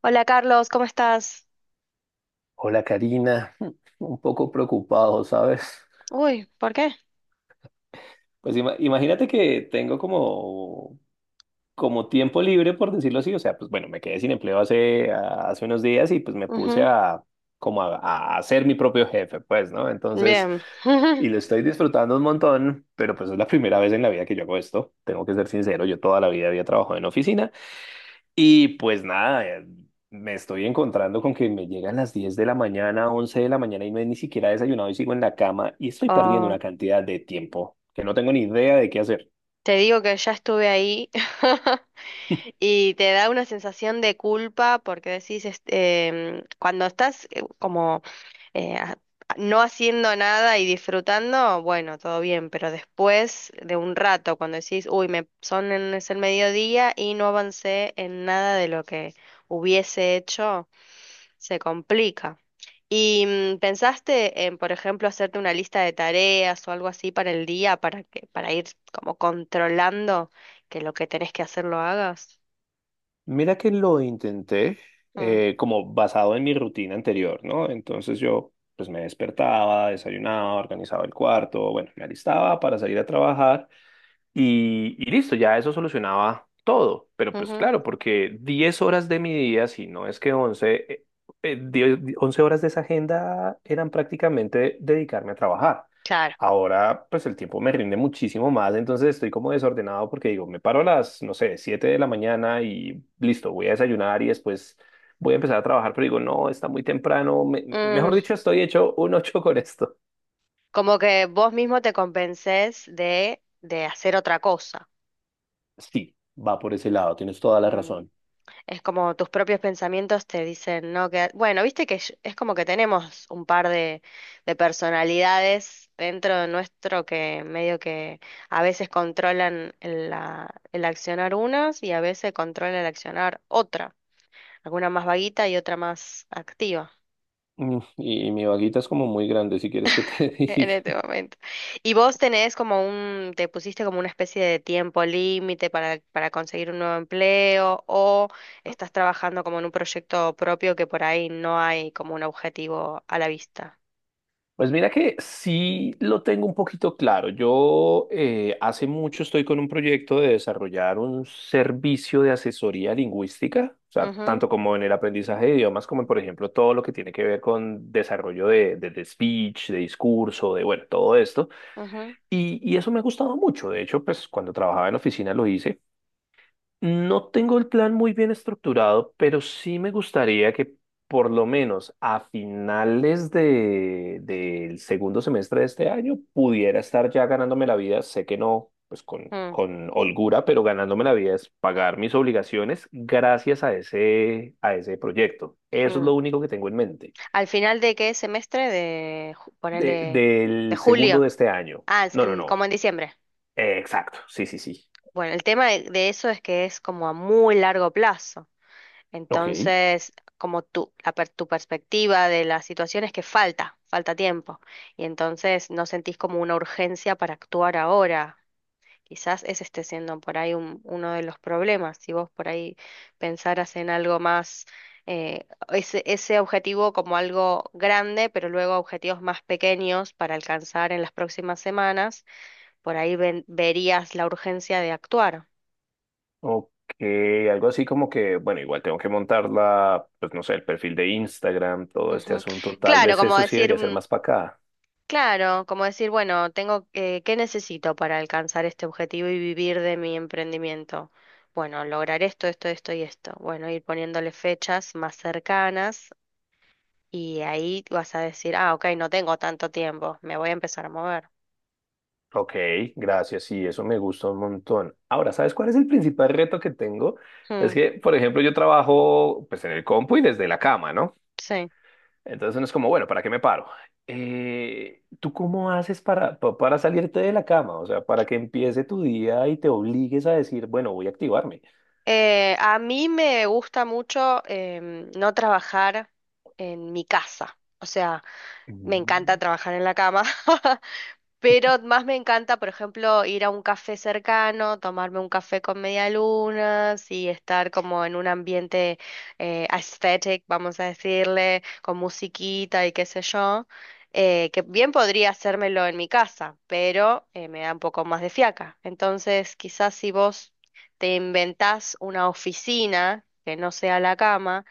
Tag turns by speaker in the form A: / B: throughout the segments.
A: Hola Carlos, ¿cómo estás?
B: Hola Karina, un poco preocupado, ¿sabes?
A: Uy, ¿por qué?
B: Pues imagínate que tengo como tiempo libre, por decirlo así, o sea, pues bueno, me quedé sin empleo hace unos días y pues me puse
A: Ujú.
B: a, como a, ser mi propio jefe, pues, ¿no? Entonces,
A: Bien.
B: y lo estoy disfrutando un montón, pero pues es la primera vez en la vida que yo hago esto, tengo que ser sincero, yo toda la vida había trabajado en oficina. Y pues nada, me estoy encontrando con que me llegan las 10 de la mañana, 11 de la mañana y no he ni siquiera desayunado y sigo en la cama y estoy perdiendo
A: Oh,
B: una cantidad de tiempo que no tengo ni idea de qué hacer.
A: te digo que ya estuve ahí y te da una sensación de culpa porque decís, cuando estás como eh, a- no haciendo nada y disfrutando, bueno, todo bien, pero después de un rato, cuando decís, uy, es el mediodía y no avancé en nada de lo que hubiese hecho. Se complica. ¿Y pensaste en, por ejemplo, hacerte una lista de tareas o algo así para el día para ir como controlando que lo que tenés que hacer lo hagas?
B: Mira que lo intenté,
A: Mm,
B: como basado en mi rutina anterior, ¿no? Entonces yo pues me despertaba, desayunaba, organizaba el cuarto, bueno, me alistaba para salir a trabajar. Y listo, ya eso solucionaba todo. Pero pues
A: ujú.
B: claro, porque 10 horas de mi día, si no es que 11, 10 11 horas de esa agenda eran prácticamente dedicarme a trabajar.
A: Claro.
B: Ahora, pues el tiempo me rinde muchísimo más, entonces estoy como desordenado porque digo, me paro a las, no sé, 7 de la mañana y listo, voy a desayunar y después voy a empezar a trabajar, pero digo, no, está muy temprano,
A: Mm,
B: mejor dicho, estoy hecho un ocho con esto.
A: como que vos mismo te convences de hacer otra cosa.
B: Sí, va por ese lado, tienes toda la
A: Mm.
B: razón.
A: Es como tus propios pensamientos te dicen, no, que... Bueno, viste que es como que tenemos un par de personalidades dentro de nuestro que medio que a veces controlan el accionar unas y a veces controla el accionar otra. Alguna más vaguita y otra más activa
B: Y mi vaguita es como muy grande, si quieres que te
A: en
B: diga.
A: este momento. ¿Y vos tenés como un, te pusiste como una especie de tiempo límite para conseguir un nuevo empleo o estás trabajando como en un proyecto propio que por ahí no hay como un objetivo a la vista?
B: Pues mira que sí lo tengo un poquito claro. Yo, hace mucho estoy con un proyecto de desarrollar un servicio de asesoría lingüística, o sea,
A: Ujú,
B: tanto como en el aprendizaje de idiomas, como en, por ejemplo, todo lo que tiene que ver con desarrollo de, de speech, de discurso, de, bueno, todo esto.
A: ujú,
B: Y eso me ha gustado mucho. De hecho, pues cuando trabajaba en oficina lo hice. No tengo el plan muy bien estructurado, pero sí me gustaría que por lo menos a finales del segundo semestre de este año pudiera estar ya ganándome la vida. Sé que no, pues con,
A: mm,
B: con holgura, pero ganándome la vida es pagar mis obligaciones gracias a ese proyecto. Eso es
A: mm.
B: lo único que tengo en mente.
A: ¿Al final de qué semestre?
B: De-
A: Ponele, de
B: del segundo
A: julio.
B: de este año.
A: Ah, es
B: No, no,
A: en- como
B: no.
A: en diciembre.
B: Exacto. Sí, sí, sí.
A: Bueno, el tema de eso es que es como a muy largo plazo.
B: Ok.
A: Entonces, como tú, tu perspectiva de la situación es que falta, falta tiempo. Y entonces no sentís como una urgencia para actuar ahora. Quizás ese esté siendo por ahí uno de los problemas. Si vos por ahí pensaras en algo más, ese, ese objetivo como algo grande, pero luego objetivos más pequeños para alcanzar en las próximas semanas, por ahí verías la urgencia de actuar.
B: Ok, algo así como que, bueno, igual tengo que montar pues no sé, el perfil de Instagram, todo este
A: Ujú.
B: asunto. Tal
A: Claro,
B: vez
A: como
B: eso sí
A: decir.
B: debería ser
A: Mm.
B: más para acá.
A: Claro, como decir, bueno, tengo ¿qué necesito para alcanzar este objetivo y vivir de mi emprendimiento? Bueno, lograr esto, esto, esto y esto. Bueno, ir poniéndole fechas más cercanas y ahí vas a decir, ah, ok, no tengo tanto tiempo, me voy a empezar a mover.
B: Ok, gracias, sí, eso me gusta un montón. Ahora, ¿sabes cuál es el principal reto que tengo? Es
A: Mm,
B: que, por ejemplo, yo trabajo pues en el compu y desde la cama, ¿no?
A: sí.
B: Entonces uno es como, bueno, ¿para qué me paro? ¿Tú cómo haces para, para salirte de la cama? O sea, para que empiece tu día y te obligues a decir, bueno, voy a activarme.
A: A mí me gusta mucho no trabajar en mi casa. O sea, me encanta
B: Mm.
A: trabajar en la cama, pero más me encanta, por ejemplo, ir a un café cercano, tomarme un café con medialunas y estar como en un ambiente aesthetic, vamos a decirle, con musiquita y qué sé yo, que bien podría hacérmelo en mi casa, pero me da un poco más de fiaca. Entonces, quizás si vos te inventás una oficina que no sea la cama,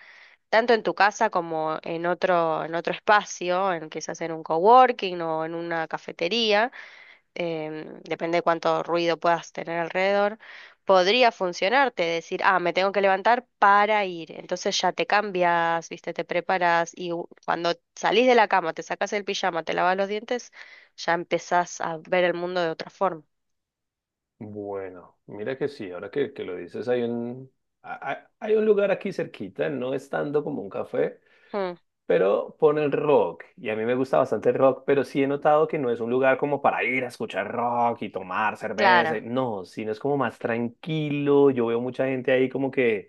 A: tanto en tu casa como en otro espacio, en, quizás en un coworking o en una cafetería depende de cuánto ruido puedas tener alrededor, podría funcionarte, decir, ah, me tengo que levantar para ir. Entonces ya te cambias, viste, te preparas y cuando salís de la cama, te sacas el pijama, te lavas los dientes, ya empezás a ver el mundo de otra forma.
B: Bueno, mira que sí, ahora que lo dices, hay un lugar aquí cerquita, no es tanto como un café,
A: Mm,
B: pero ponen rock y a mí me gusta bastante el rock, pero sí he notado que no es un lugar como para ir a escuchar rock y tomar cerveza,
A: clara.
B: no, sino es como más tranquilo, yo veo mucha gente ahí como que,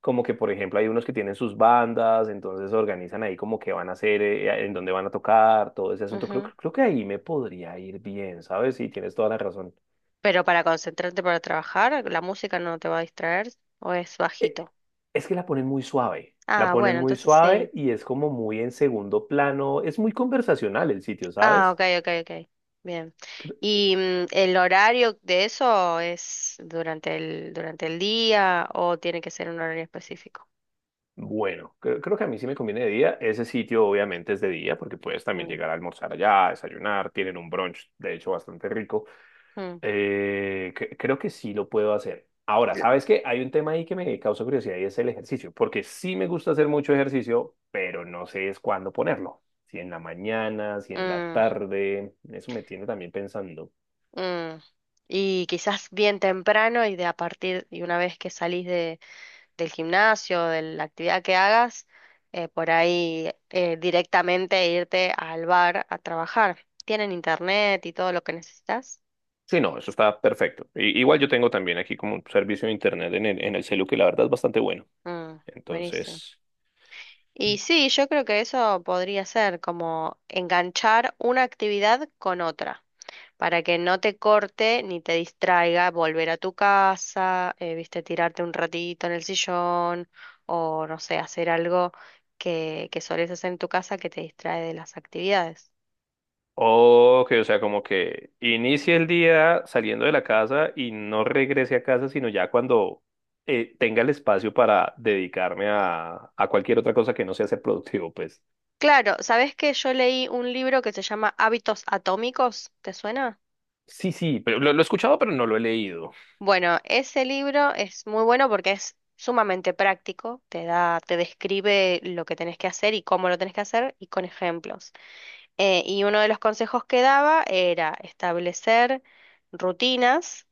B: como que por ejemplo hay unos que tienen sus bandas, entonces organizan ahí como que van a hacer, en dónde van a tocar, todo ese asunto, creo,
A: Ujú.
B: creo que ahí me podría ir bien, ¿sabes? Sí, tienes toda la razón.
A: Pero para concentrarte para trabajar, ¿la música no te va a distraer o es
B: Eh,
A: bajito?
B: Es que la ponen muy suave, la
A: Ah,
B: ponen
A: bueno,
B: muy
A: entonces
B: suave
A: sí.
B: y es como muy en segundo plano, es muy conversacional el sitio,
A: Ah,
B: ¿sabes?
A: ok, ok, ok. Bien. ¿Y el horario de eso es durante el día o tiene que ser un horario específico?
B: Bueno, creo que a mí sí me conviene de día. Ese sitio obviamente es de día porque puedes también
A: Mm,
B: llegar a almorzar allá, desayunar, tienen un brunch, de hecho, bastante rico.
A: mm,
B: Creo que sí lo puedo hacer. Ahora, ¿sabes qué? Hay un tema ahí que me causa curiosidad y es el ejercicio, porque sí me gusta hacer mucho ejercicio, pero no sé es cuándo ponerlo. Si en la mañana, si en la
A: mm,
B: tarde, eso me tiene también pensando.
A: mm. Y quizás bien temprano y de a partir, y una vez que salís de, del gimnasio, de la actividad que hagas, por ahí directamente irte al bar a trabajar. ¿Tienen internet y todo lo que necesitas?
B: Sí, no, eso está perfecto. Igual
A: Mm,
B: yo tengo también aquí como un servicio de internet en el, celu que la verdad es bastante bueno.
A: mm, buenísimo.
B: Entonces.
A: Y sí, yo creo que eso podría ser como enganchar una actividad con otra, para que no te corte ni te distraiga volver a tu casa, viste, tirarte un ratito en el sillón o no sé, hacer algo que solés hacer en tu casa que te distrae de las actividades.
B: Ok, o sea, como que inicie el día saliendo de la casa y no regrese a casa, sino ya cuando tenga el espacio para dedicarme a cualquier otra cosa que no sea ser productivo, pues.
A: Claro, ¿sabés que yo leí un libro que se llama Hábitos Atómicos? ¿Te suena?
B: Sí, sí, pero lo he escuchado, pero no lo he leído.
A: Bueno, ese libro es muy bueno porque es sumamente práctico, te da, te describe lo que tenés que hacer y cómo lo tenés que hacer y con ejemplos. Y uno de los consejos que daba era establecer rutinas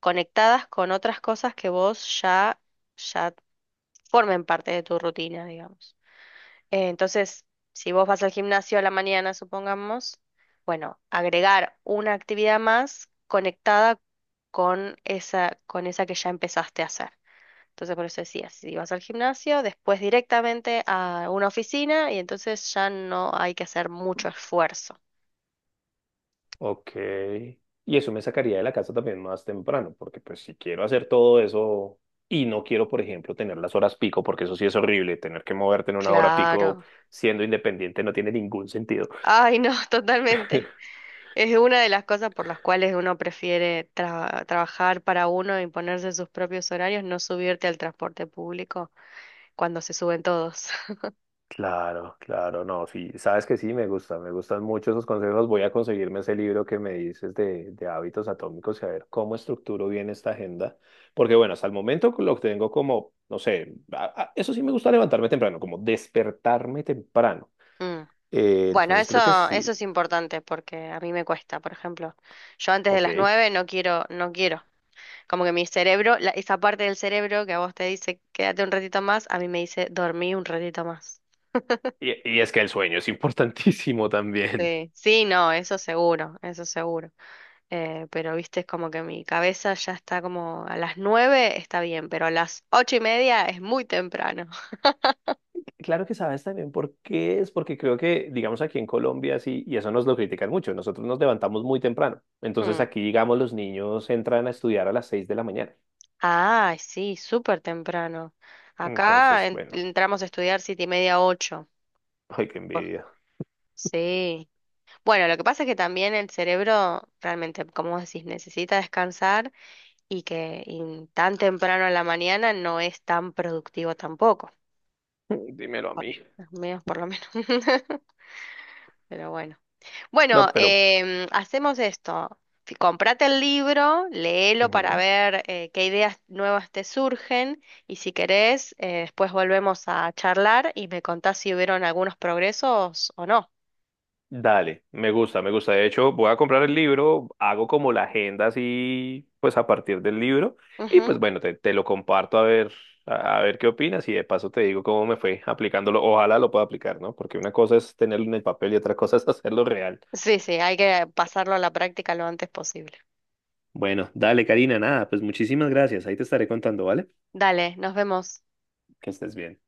A: conectadas con otras cosas que vos ya, ya formen parte de tu rutina, digamos. Entonces, si vos vas al gimnasio a la mañana, supongamos, bueno, agregar una actividad más conectada con esa que ya empezaste a hacer. Entonces, por eso decía, si vas al gimnasio, después directamente a una oficina y entonces ya no hay que hacer mucho esfuerzo.
B: Ok. Y eso me sacaría de la casa también más temprano, porque pues si quiero hacer todo eso y no quiero, por ejemplo, tener las horas pico, porque eso sí es horrible, tener que moverte en una hora pico
A: Claro.
B: siendo independiente no tiene ningún sentido.
A: Ay, no, totalmente. Es una de las cosas por las cuales uno prefiere trabajar para uno y ponerse sus propios horarios, no subirte al transporte público cuando se suben todos.
B: Claro, claro, no, sí, sabes que sí, me gusta, me gustan mucho esos consejos. Voy a conseguirme ese libro que me dices de hábitos atómicos y a ver cómo estructuro bien esta agenda. Porque bueno, hasta el momento lo tengo como, no sé, eso sí me gusta levantarme temprano, como despertarme temprano.
A: Mm. Bueno,
B: Entonces creo que
A: eso
B: sí.
A: es importante porque a mí me cuesta, por ejemplo. Yo antes de las
B: Ok.
A: nueve no quiero, no quiero. Como que mi cerebro, esa parte del cerebro que a vos te dice quédate un ratito más, a mí me dice dormí un ratito más.
B: Y es que el sueño es importantísimo también.
A: Sí, sí, no, eso seguro, eso seguro. Pero viste, es como que mi cabeza ya está como a las nueve está bien, pero a las ocho y media es muy temprano.
B: Claro que sabes también por qué es, porque creo que, digamos, aquí en Colombia, sí, y eso nos lo critican mucho, nosotros nos levantamos muy temprano. Entonces aquí, digamos, los niños entran a estudiar a las 6 de la mañana.
A: Ah, sí, súper temprano. Acá
B: Entonces,
A: en-
B: bueno,
A: entramos a estudiar siete y media, ocho.
B: ay, qué
A: Por-
B: envidia.
A: Sí. Bueno, lo que pasa es que también el cerebro realmente, como vos decís, necesita descansar y que y tan temprano en la mañana no es tan productivo tampoco.
B: Dímelo a
A: Por-
B: mí.
A: Menos por lo menos. Pero bueno. Bueno,
B: No, pero
A: hacemos esto. Comprate el libro, léelo para
B: ujú.
A: ver qué ideas nuevas te surgen y si querés, después volvemos a charlar y me contás si hubieron algunos progresos o no.
B: Dale, me gusta, me gusta. De hecho, voy a comprar el libro, hago como la agenda así, pues a partir del libro. Y pues
A: Ujú.
B: bueno, te lo comparto a ver qué opinas y de paso te digo cómo me fue aplicándolo. Ojalá lo pueda aplicar, ¿no? Porque una cosa es tenerlo en el papel y otra cosa es hacerlo real.
A: Sí, sí, hay que pasarlo a la práctica lo antes posible.
B: Bueno, dale, Karina, nada, pues muchísimas gracias. Ahí te estaré contando, ¿vale?
A: Dale, nos vemos.
B: Que estés bien.